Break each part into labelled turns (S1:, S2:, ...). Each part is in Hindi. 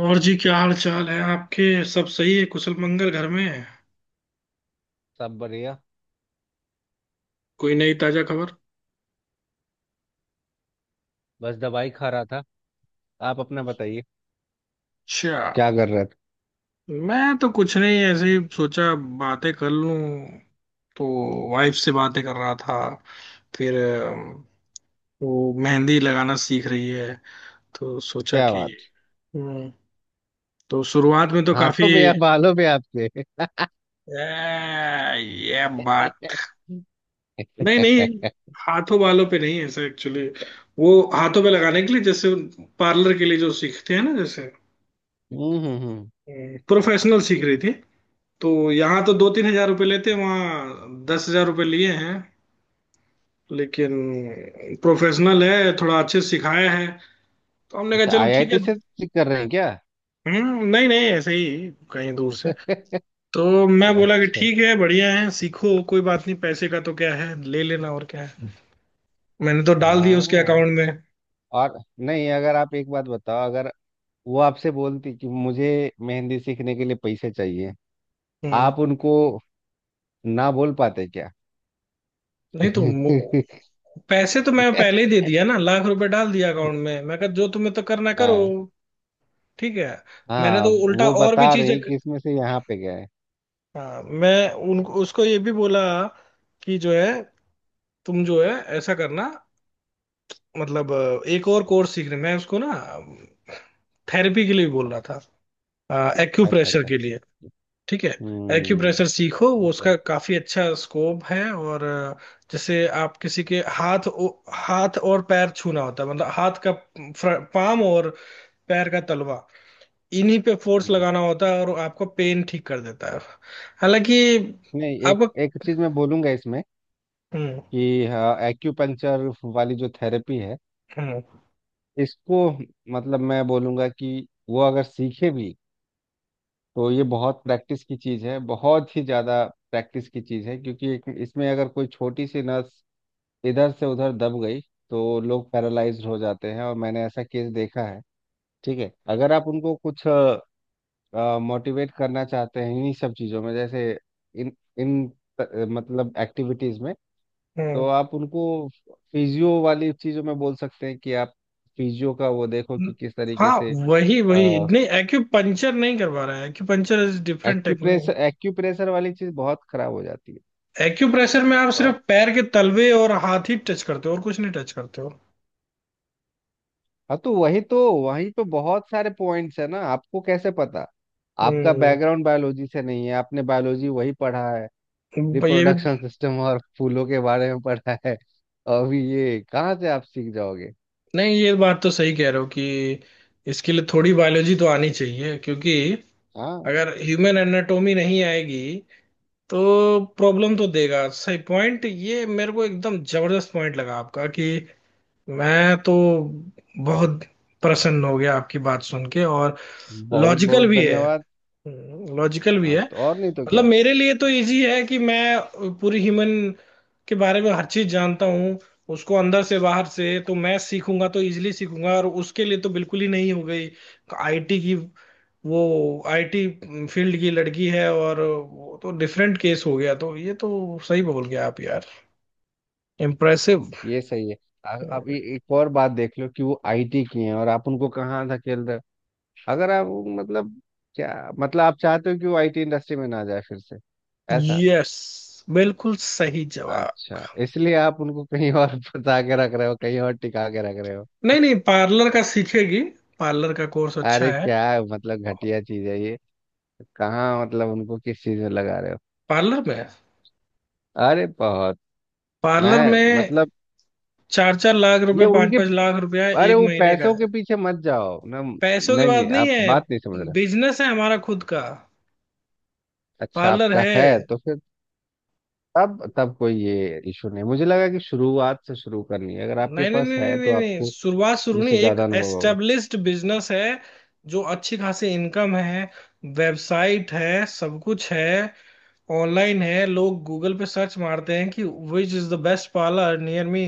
S1: और जी, क्या हाल चाल है आपके? सब सही है, कुशल मंगल घर में?
S2: सब बढ़िया।
S1: कोई नई ताजा खबर?
S2: बस दवाई खा रहा था। आप अपना बताइए,
S1: अच्छा।
S2: क्या कर रहे थे?
S1: मैं तो कुछ नहीं, ऐसे ही सोचा बातें कर लूं, तो वाइफ से बातें कर रहा था। फिर अम, वो मेहंदी लगाना सीख रही है, तो सोचा
S2: क्या
S1: कि...
S2: बात।
S1: हम्म। तो शुरुआत में तो काफी
S2: हाथों पे या बालों पे आपके?
S1: ए, ये बात... नहीं नहीं, हाथों बालों पे नहीं है ऐसा, एक्चुअली वो हाथों पे लगाने के लिए, जैसे पार्लर के लिए जो सीखते हैं ना, जैसे
S2: हम्म हम्म हम्म।
S1: प्रोफेशनल सीख रही थी। तो यहाँ तो 2-3 हजार रुपये लेते हैं, वहाँ 10 हजार रुपये लिए हैं। लेकिन प्रोफेशनल है, थोड़ा अच्छे से सिखाया है, तो हमने कहा
S2: अच्छा,
S1: चलो ठीक
S2: आईआईटी
S1: है।
S2: से क्लिक कर रहे हैं क्या?
S1: हम्म। नहीं नहीं, ऐसे ही कहीं दूर से। तो मैं बोला कि
S2: अच्छा।
S1: ठीक है, बढ़िया है, सीखो, कोई बात नहीं, पैसे का तो क्या है, ले लेना, और क्या है। मैंने तो डाल दिया उसके
S2: हाँ।
S1: अकाउंट में।
S2: और नहीं, अगर आप एक बात बताओ, अगर वो आपसे बोलती कि मुझे मेहंदी सीखने के लिए पैसे चाहिए,
S1: हम्म।
S2: आप उनको ना बोल पाते क्या?
S1: नहीं तो पैसे तो मैं पहले ही दे दिया ना, लाख रुपए डाल दिया अकाउंट में, मैं कहा जो तुम्हें तो करना करो।
S2: हाँ।
S1: ठीक है। मैंने
S2: हाँ,
S1: तो उल्टा
S2: वो
S1: और भी
S2: बता
S1: चीजें,
S2: रही कि इसमें से यहाँ पे गए।
S1: हाँ, मैं उनको उसको ये भी बोला कि जो है, तुम जो है, ऐसा करना, मतलब एक और कोर्स सीखने, मैं उसको ना थेरेपी के लिए भी बोल रहा था,
S2: अच्छा
S1: एक्यूप्रेशर
S2: अच्छा।
S1: के लिए। ठीक है।
S2: हम्म।
S1: एक्यूप्रेशर सीखो, वो उसका काफी अच्छा स्कोप है। और जैसे आप किसी के हाथ हाथ और पैर छूना होता है, मतलब हाथ का पाम और पैर का तलवा, इन्हीं पे फोर्स
S2: हाँ।
S1: लगाना होता है और आपका पेन ठीक कर देता है। हालांकि
S2: नहीं, एक
S1: अब...
S2: एक चीज मैं बोलूंगा इसमें
S1: हम्म
S2: कि हाँ, एक्यूपंक्चर वाली जो थेरेपी है,
S1: हम्म
S2: इसको मतलब मैं बोलूंगा कि वो अगर सीखे भी तो ये बहुत प्रैक्टिस की चीज है, बहुत ही ज्यादा प्रैक्टिस की चीज है क्योंकि इसमें अगर कोई छोटी सी नस इधर से उधर दब गई तो लोग पैरालाइज्ड हो जाते हैं और मैंने ऐसा केस देखा है। ठीक है, अगर आप उनको कुछ मोटिवेट करना चाहते हैं इन्हीं सब चीजों में, जैसे इन इन त- मतलब एक्टिविटीज में,
S1: हम्म।
S2: तो आप उनको फिजियो वाली चीजों में बोल सकते हैं कि आप फिजियो का वो देखो कि किस तरीके
S1: हाँ
S2: से
S1: वही वही,
S2: अ,
S1: नहीं एक्यूपंचर नहीं करवा रहा है, acupuncture is different technique.
S2: Acupressure acupressure वाली चीज बहुत खराब हो जाती है।
S1: एक्यूप्रेशर में आप सिर्फ
S2: बहुत।
S1: पैर के तलवे और हाथ ही टच करते हो, और कुछ नहीं टच करते हो।
S2: हाँ, तो वही तो वहीं पे बहुत सारे पॉइंट्स है ना, आपको कैसे पता? आपका
S1: हम्म,
S2: बैकग्राउंड बायोलॉजी से नहीं है, आपने बायोलॉजी वही पढ़ा है,
S1: ये
S2: रिप्रोडक्शन
S1: भी...
S2: सिस्टम और फूलों के बारे में पढ़ा है। अभी ये कहाँ से आप सीख जाओगे?
S1: नहीं, ये बात तो सही कह रहे हो कि इसके लिए थोड़ी बायोलॉजी तो आनी चाहिए, क्योंकि
S2: हाँ।
S1: अगर ह्यूमन एनाटोमी नहीं आएगी तो प्रॉब्लम तो देगा। सही पॉइंट, ये मेरे को एकदम जबरदस्त पॉइंट लगा आपका कि मैं तो बहुत प्रसन्न हो गया आपकी बात सुन के। और
S2: बहुत बहुत
S1: लॉजिकल भी है,
S2: धन्यवाद।
S1: लॉजिकल भी
S2: हाँ,
S1: है।
S2: तो और नहीं तो
S1: मतलब
S2: क्या।
S1: मेरे लिए तो इजी है कि मैं पूरी ह्यूमन के बारे में हर चीज जानता हूँ उसको, अंदर से बाहर से, तो मैं सीखूंगा तो इजीली सीखूंगा। और उसके लिए तो बिल्कुल ही नहीं हो गई आईटी की। वो आईटी फील्ड की लड़की है, और वो तो डिफरेंट केस हो गया। तो ये तो सही बोल गया आप यार, इम्प्रेसिव।
S2: ये सही है। अब ये एक और बात देख लो कि वो आईटी की हैं और आप उनको कहाँ धकेल रहे हो? अगर आप वो मतलब, क्या मतलब, आप चाहते हो कि वो आईटी इंडस्ट्री में ना जाए फिर से? ऐसा?
S1: यस, बिल्कुल सही जवाब।
S2: अच्छा, इसलिए आप उनको कहीं और फंसा के रख रहे हो, कहीं और टिका के रख रहे हो।
S1: नहीं नहीं, पार्लर का सीखेगी, पार्लर का कोर्स अच्छा
S2: अरे
S1: है।
S2: क्या है, मतलब घटिया चीज है ये। कहाँ मतलब उनको किस चीज में लगा रहे हो?
S1: पार्लर में,
S2: अरे बहुत।
S1: पार्लर
S2: मैं
S1: में
S2: मतलब।
S1: चार चार लाख
S2: ये
S1: रुपए पांच
S2: उनके।
S1: पांच लाख रुपया
S2: अरे
S1: एक
S2: वो
S1: महीने का
S2: पैसों के
S1: है।
S2: पीछे मत जाओ ना। नहीं
S1: पैसों की बात
S2: नहीं,
S1: नहीं
S2: आप बात नहीं समझ
S1: है,
S2: रहे।
S1: बिजनेस है हमारा खुद का,
S2: अच्छा,
S1: पार्लर
S2: आपका है
S1: है।
S2: तो फिर तब तब कोई ये इशू नहीं मुझे लगा कि शुरुआत से शुरू करनी है, अगर आपके
S1: नहीं नहीं
S2: पास
S1: नहीं नहीं
S2: है तो
S1: नहीं, नहीं।
S2: आपको
S1: शुरुआत शुरू नहीं,
S2: मुझसे
S1: एक
S2: ज्यादा अनुभव होगा।
S1: एस्टेब्लिश्ड बिजनेस है, जो अच्छी खासी इनकम है। वेबसाइट है, सब कुछ है, ऑनलाइन है। लोग गूगल पे सर्च मारते हैं कि which is the best parlour near me,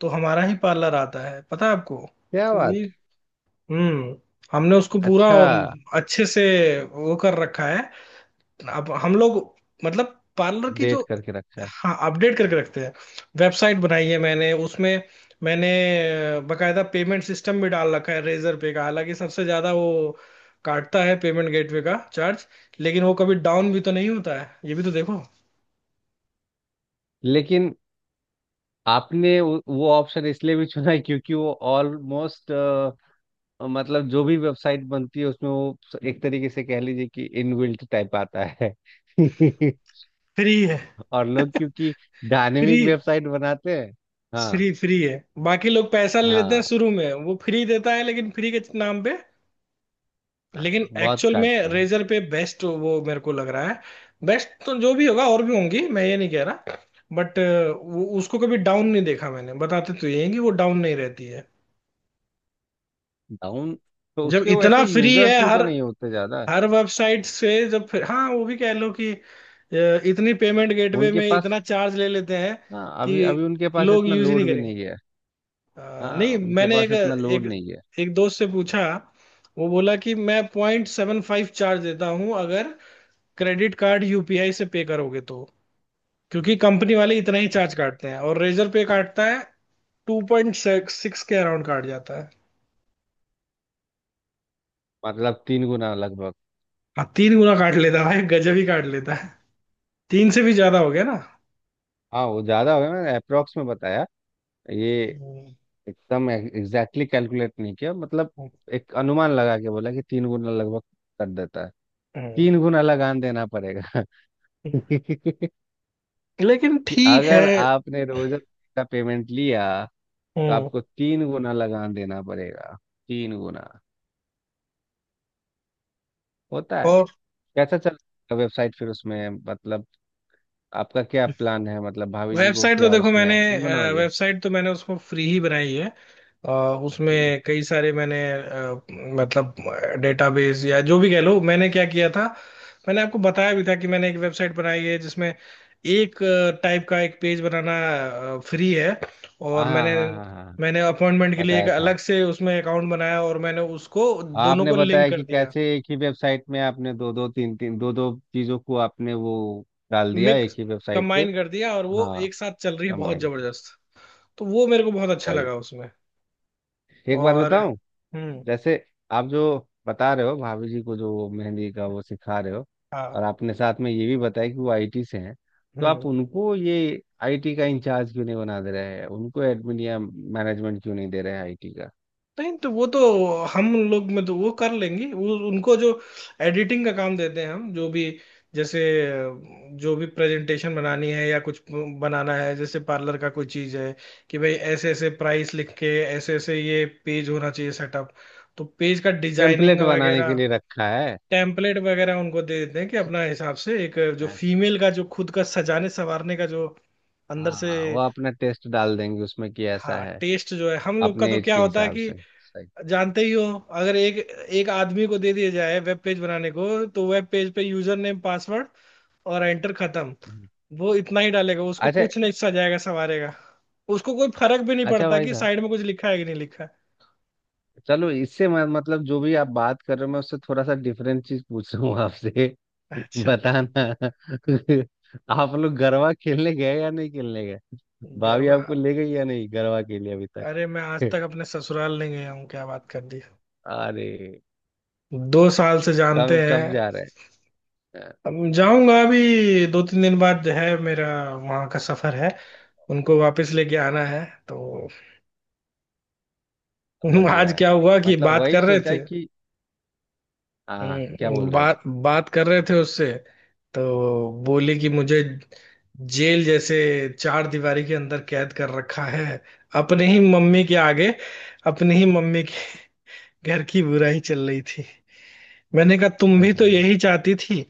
S1: तो हमारा ही पार्लर आता है, पता है आपको।
S2: क्या
S1: तो
S2: बात।
S1: ये... हम्म। हमने उसको पूरा
S2: अच्छा,
S1: अच्छे से वो कर रखा है। अब हम लोग, मतलब पार्लर की जो...
S2: डेट करके रखा है।
S1: हाँ, अपडेट करके रखते हैं। वेबसाइट बनाई है मैंने, उसमें मैंने बकायदा पेमेंट सिस्टम भी डाल रखा है, रेजर पे का। हालांकि सबसे ज्यादा वो काटता है, पेमेंट गेटवे का चार्ज। लेकिन वो कभी डाउन भी तो नहीं होता है, ये भी तो देखो।
S2: लेकिन आपने वो ऑप्शन इसलिए भी चुना है क्योंकि वो ऑलमोस्ट, मतलब जो भी वेबसाइट बनती है उसमें वो एक तरीके से कह लीजिए कि इनबिल्ट टाइप आता है।
S1: फ्री है।
S2: और लोग क्योंकि
S1: फ्री।
S2: डायनेमिक वेबसाइट बनाते हैं। हाँ
S1: फ्री है। बाकी लोग पैसा ले लेते हैं,
S2: हाँ।
S1: शुरू में वो फ्री देता है लेकिन फ्री के नाम पे। लेकिन
S2: बहुत
S1: एक्चुअल में
S2: काटता है।
S1: रेजर पे बेस्ट वो मेरे को लग रहा है। बेस्ट तो जो भी होगा, और भी होंगी, मैं ये नहीं कह रहा, बट वो उसको कभी डाउन नहीं देखा मैंने। बताते तो ये हैं कि वो डाउन नहीं रहती है।
S2: डाउन तो
S1: जब
S2: उसके वैसे
S1: इतना फ्री है
S2: यूजर्स भी तो
S1: हर
S2: नहीं होते ज्यादा।
S1: हर वेबसाइट से, जब फिर हाँ वो भी कह लो कि इतनी पेमेंट गेटवे
S2: उनके
S1: में इतना
S2: पास।
S1: चार्ज ले लेते हैं
S2: हाँ,
S1: कि
S2: अभी अभी उनके पास
S1: लोग
S2: इतना
S1: यूज ही नहीं
S2: लोड भी
S1: करेंगे।
S2: नहीं है।
S1: नहीं,
S2: हाँ, उनके
S1: मैंने
S2: पास
S1: एक
S2: इतना
S1: एक
S2: लोड नहीं है।
S1: एक दोस्त से पूछा, वो बोला कि मैं 0.75 चार्ज देता हूँ अगर क्रेडिट कार्ड यूपीआई से पे करोगे तो, क्योंकि कंपनी वाले इतना ही चार्ज
S2: अच्छा।
S1: काटते हैं। और रेजर पे काटता है 2.6 के अराउंड काट जाता है।
S2: मतलब तीन गुना लगभग।
S1: हाँ, 3 गुना काट लेता है भाई, गजब ही काट लेता है। 3 से भी ज्यादा हो गया ना।
S2: हाँ, वो ज्यादा हो गया, मैंने अप्रोक्स में बताया। ये
S1: हम्म,
S2: एकदम एग्जैक्टली कैलकुलेट नहीं किया, मतलब
S1: हम्म,
S2: एक अनुमान लगा के बोला कि तीन गुना लगभग कर देता है।
S1: हम्म।
S2: तीन गुना लगान देना पड़ेगा। कि
S1: लेकिन ठीक है।
S2: अगर आपने रोज का पेमेंट लिया तो
S1: हम्म।
S2: आपको तीन गुना लगान देना पड़ेगा। तीन गुना होता है।
S1: और
S2: कैसा चल रहा है वेबसाइट, फिर उसमें मतलब आपका क्या प्लान है? मतलब भाभी जी को
S1: वेबसाइट तो
S2: क्या
S1: देखो,
S2: उसमें एडमिन बनाओगे?
S1: वेबसाइट तो मैंने उसको फ्री ही बनाई है। अ,
S2: ठीक।
S1: उसमें कई सारे मतलब डेटाबेस या जो भी कह लो, मैंने क्या किया था, मैंने आपको बताया भी था कि मैंने एक वेबसाइट बनाई है जिसमें एक टाइप का एक पेज बनाना फ्री है,
S2: हाँ
S1: और
S2: हाँ
S1: मैंने
S2: हाँ हाँ हाँ हाँ,
S1: मैंने अपॉइंटमेंट के लिए एक
S2: बताया था।
S1: अलग से उसमें अकाउंट बनाया और मैंने उसको दोनों
S2: आपने
S1: को लिंक
S2: बताया
S1: कर
S2: कि
S1: दिया,
S2: कैसे एक ही वेबसाइट में आपने दो दो तीन तीन दो दो चीजों को आपने वो डाल दिया,
S1: मिक्स
S2: एक ही वेबसाइट पे।
S1: कंबाइन कर दिया, और वो
S2: हाँ,
S1: एक साथ चल रही है, बहुत
S2: कंबाइन की।
S1: जबरदस्त। तो वो मेरे को बहुत अच्छा
S2: सही।
S1: लगा उसमें।
S2: एक बात
S1: और
S2: बताऊं।
S1: हम्म।
S2: जैसे आप जो बता रहे हो, भाभी जी को जो मेहंदी का वो सिखा रहे हो, और
S1: हाँ।
S2: आपने साथ में ये भी बताया कि वो आईटी से हैं, तो
S1: हम्म।
S2: आप उनको ये आईटी का इंचार्ज क्यों नहीं बना दे रहे हैं? उनको एडमिन या मैनेजमेंट क्यों नहीं दे रहे हैं आईटी का?
S1: नहीं तो वो तो हम लोग में तो वो कर लेंगे, वो उनको जो एडिटिंग का काम देते हैं हम, जो भी जैसे जो भी प्रेजेंटेशन बनानी है या कुछ बनाना है, जैसे पार्लर का कोई चीज है कि भाई ऐसे ऐसे प्राइस लिख के, ऐसे ऐसे ये पेज होना चाहिए सेटअप। तो पेज का डिजाइनिंग
S2: पेम्पलेट बनाने
S1: वगैरह,
S2: के लिए रखा है।
S1: टेम्पलेट वगैरह उनको दे देते हैं कि अपना हिसाब से, एक जो
S2: अच्छा।
S1: फीमेल का जो खुद का सजाने संवारने का जो अंदर से...
S2: हाँ, वो अपना टेस्ट डाल देंगे उसमें, कि ऐसा
S1: हाँ,
S2: है।
S1: टेस्ट जो है हम लोग का,
S2: अपने
S1: तो
S2: एज
S1: क्या
S2: के
S1: होता है
S2: हिसाब
S1: कि
S2: से। सही।
S1: जानते ही हो, अगर एक एक आदमी को दे दिया जाए वेब पेज बनाने को, तो वेब पेज पे यूजर नेम पासवर्ड और एंटर, खत्म।
S2: हम्म।
S1: वो इतना ही डालेगा, उसको
S2: अच्छा
S1: कुछ नहीं सजाएगा संवारेगा। उसको कोई फर्क भी नहीं
S2: अच्छा,
S1: पड़ता
S2: भाई
S1: कि
S2: साहब,
S1: साइड में कुछ लिखा है कि नहीं लिखा है।
S2: चलो इससे मैं मतलब जो भी आप बात कर रहे हो, मैं उससे थोड़ा सा डिफरेंट चीज पूछ रहा हूँ आपसे।
S1: अच्छा।
S2: बताना। आप लोग गरबा खेलने गए या नहीं खेलने गए? भाभी
S1: गरबा?
S2: आपको ले गई या नहीं गरबा के लिए अभी
S1: अरे मैं आज
S2: तक?
S1: तक अपने ससुराल नहीं गया हूँ, क्या बात कर दी।
S2: अरे।
S1: 2 साल से जानते
S2: कब कब
S1: हैं।
S2: जा रहे हैं? हाँ।
S1: अब जाऊंगा अभी 2-3 दिन बाद, जो है मेरा वहां का सफर है, उनको वापस लेके आना है। तो
S2: बढ़िया
S1: आज
S2: है।
S1: क्या हुआ कि
S2: मतलब
S1: बात
S2: वही
S1: कर रहे
S2: सोचा
S1: थे,
S2: कि हाँ, क्या बोल रहे थे?
S1: बात बात कर रहे थे उससे। तो बोले कि मुझे जेल जैसे चार दीवारी के अंदर कैद कर रखा है, अपने ही मम्मी के आगे, अपनी ही मम्मी के घर की बुराई चल रही थी। मैंने कहा तुम
S2: हाँ,
S1: भी
S2: हाँ,
S1: तो
S2: हाँ।
S1: यही चाहती थी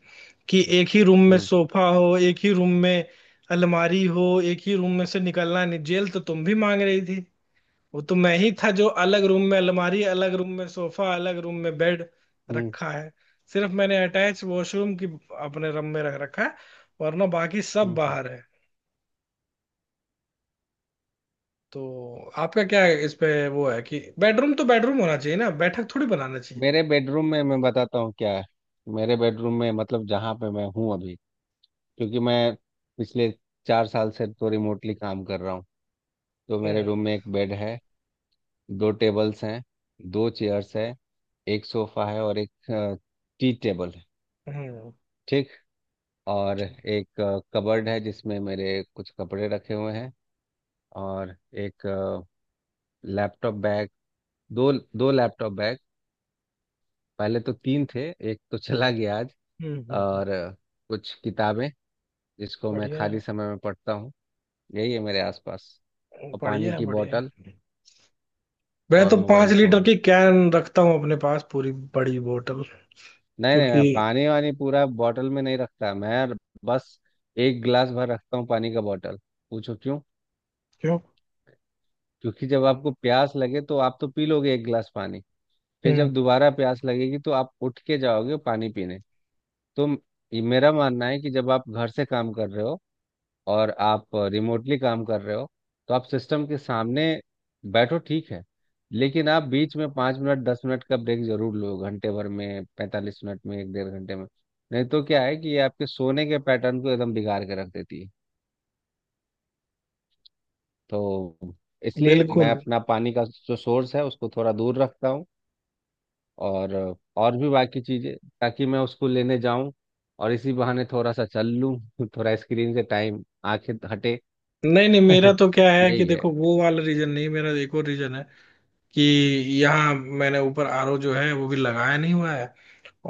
S1: कि एक ही रूम में
S2: हम्म
S1: सोफा हो, एक ही रूम में अलमारी हो, एक ही रूम में से निकलना नहीं, जेल तो तुम भी मांग रही थी। वो तो मैं ही था जो अलग रूम में अलमारी, अलग रूम में सोफा, अलग रूम में बेड
S2: हम्म
S1: रखा है। सिर्फ मैंने अटैच वॉशरूम की अपने रूम में रख रखा है, वरना बाकी सब
S2: हम्म हम्म।
S1: बाहर है। तो आपका क्या है इस पे? वो है कि बेडरूम तो बेडरूम होना चाहिए ना, बैठक थोड़ी बनाना चाहिए।
S2: मेरे बेडरूम में मैं बताता हूँ क्या है। मेरे बेडरूम में, मतलब जहाँ पे मैं हूँ अभी, क्योंकि मैं पिछले 4 साल से तो रिमोटली काम कर रहा हूँ, तो मेरे
S1: हम्म
S2: रूम में एक बेड है, दो टेबल्स हैं, दो चेयर्स हैं, एक सोफा है और एक टी टेबल है।
S1: हम्म।
S2: ठीक। और
S1: ठीक।
S2: एक कबर्ड है जिसमें मेरे कुछ कपड़े रखे हुए हैं। और एक लैपटॉप बैग, दो दो लैपटॉप बैग। पहले तो तीन थे, एक तो चला गया आज।
S1: हम्म हम्म हम्म,
S2: और कुछ किताबें जिसको मैं
S1: बढ़िया
S2: खाली
S1: है,
S2: समय में पढ़ता हूँ। यही है मेरे आसपास, और
S1: बढ़िया
S2: पानी
S1: है,
S2: की
S1: बढ़िया
S2: बोतल
S1: है। मैं
S2: और
S1: तो पांच
S2: मोबाइल
S1: लीटर
S2: फ़ोन।
S1: की कैन रखता हूँ अपने पास, पूरी बड़ी बोतल।
S2: नहीं नहीं, मैं
S1: क्योंकि...
S2: पानी वानी पूरा बॉटल में नहीं रखता। मैं बस एक गिलास भर रखता हूँ पानी का, बॉटल। पूछो क्यों।
S1: क्यों?
S2: क्योंकि जब आपको प्यास लगे तो आप तो पी लोगे एक गिलास पानी। फिर
S1: हम्म।
S2: जब दोबारा प्यास लगेगी तो आप उठ के जाओगे पानी पीने। तो ये मेरा मानना है कि जब आप घर से काम कर रहे हो और आप रिमोटली काम कर रहे हो तो आप सिस्टम के सामने बैठो, ठीक है, लेकिन आप बीच में 5 मिनट 10 मिनट का ब्रेक जरूर लो, घंटे भर में, 45 मिनट में, एक 1.5 घंटे में। नहीं तो क्या है कि ये आपके सोने के पैटर्न को एकदम बिगाड़ के रख देती है। तो इसलिए मैं
S1: बिल्कुल।
S2: अपना पानी का जो सोर्स है उसको थोड़ा दूर रखता हूँ, और और भी बाकी चीज़ें, ताकि मैं उसको लेने जाऊं और इसी बहाने थोड़ा सा चल लूं। थोड़ा स्क्रीन से टाइम आंखें हटे।
S1: नहीं नहीं, मेरा तो क्या है कि
S2: यही है।
S1: देखो, वो वाला रीजन नहीं, मेरा एक और रीजन है कि यहाँ मैंने ऊपर आरओ जो है वो भी लगाया नहीं हुआ है,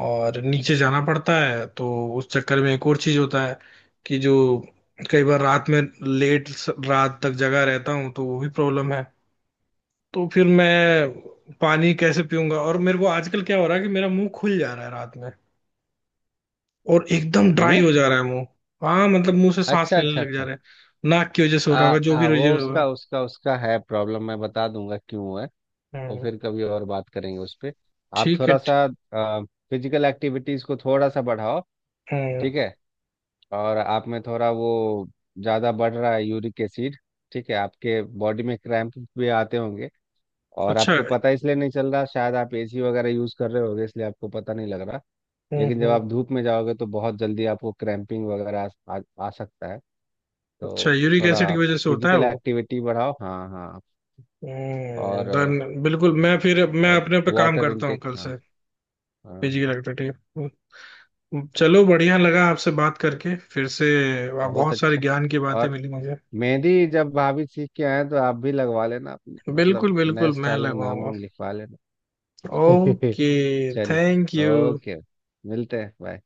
S1: और नीचे जाना पड़ता है। तो उस चक्कर में एक और चीज होता है कि जो कई बार रात में रात तक जगा रहता हूँ, तो वो भी प्रॉब्लम है। तो फिर मैं पानी कैसे पीऊंगा, और मेरे को आजकल क्या हो रहा है कि मेरा मुंह खुल जा रहा है रात में, और एकदम ड्राई
S2: मुंह।
S1: हो जा रहा है मुंह। हाँ, मतलब मुंह से सांस
S2: अच्छा
S1: लेने
S2: अच्छा
S1: लग जा
S2: अच्छा।
S1: रहे हैं, नाक की वजह से हो
S2: आ,
S1: रहा होगा, जो
S2: आ,
S1: भी
S2: वो
S1: वजह होगा।
S2: उसका उसका उसका है प्रॉब्लम, मैं बता दूंगा क्यों है। वो
S1: हम्म।
S2: फिर कभी और बात करेंगे उस पे। आप
S1: ठीक है
S2: थोड़ा सा फिजिकल एक्टिविटीज को थोड़ा सा बढ़ाओ,
S1: हम्म।
S2: ठीक है? और आप में थोड़ा वो ज़्यादा बढ़ रहा है, यूरिक एसिड। ठीक है, आपके बॉडी में क्रैम्प भी आते होंगे, और
S1: अच्छा।
S2: आपको पता इसलिए नहीं चल रहा, शायद आप एसी वगैरह यूज़ कर रहे होगे इसलिए आपको पता नहीं लग रहा।
S1: हम्म,
S2: लेकिन जब
S1: हम्म।
S2: आप धूप में जाओगे तो बहुत जल्दी आपको क्रैम्पिंग वगैरह आ सकता है।
S1: अच्छा,
S2: तो
S1: यूरिक एसिड
S2: थोड़ा
S1: की वजह से होता है
S2: फिजिकल
S1: वो?
S2: एक्टिविटी बढ़ाओ। हाँ हाँ।
S1: हम्म,
S2: और
S1: डन, बिल्कुल, मैं फिर मैं अपने पे काम
S2: वाटर
S1: करता हूँ
S2: इनटेक।
S1: कल
S2: हाँ
S1: से।
S2: हाँ।
S1: Physical activity. चलो बढ़िया लगा आपसे बात करके फिर से,
S2: बहुत
S1: बहुत सारे
S2: अच्छा।
S1: ज्ञान की बातें
S2: और
S1: मिली मुझे।
S2: मेहंदी जब भाभी सीख के आए तो आप भी लगवा लेना मतलब
S1: बिल्कुल
S2: नए
S1: बिल्कुल मैं
S2: स्टाइल में नाम
S1: लगवाऊंगा।
S2: वाम लिखवा लेना।
S1: ओके,
S2: चलिए।
S1: Thank you.
S2: ओके। मिलते हैं। बाय।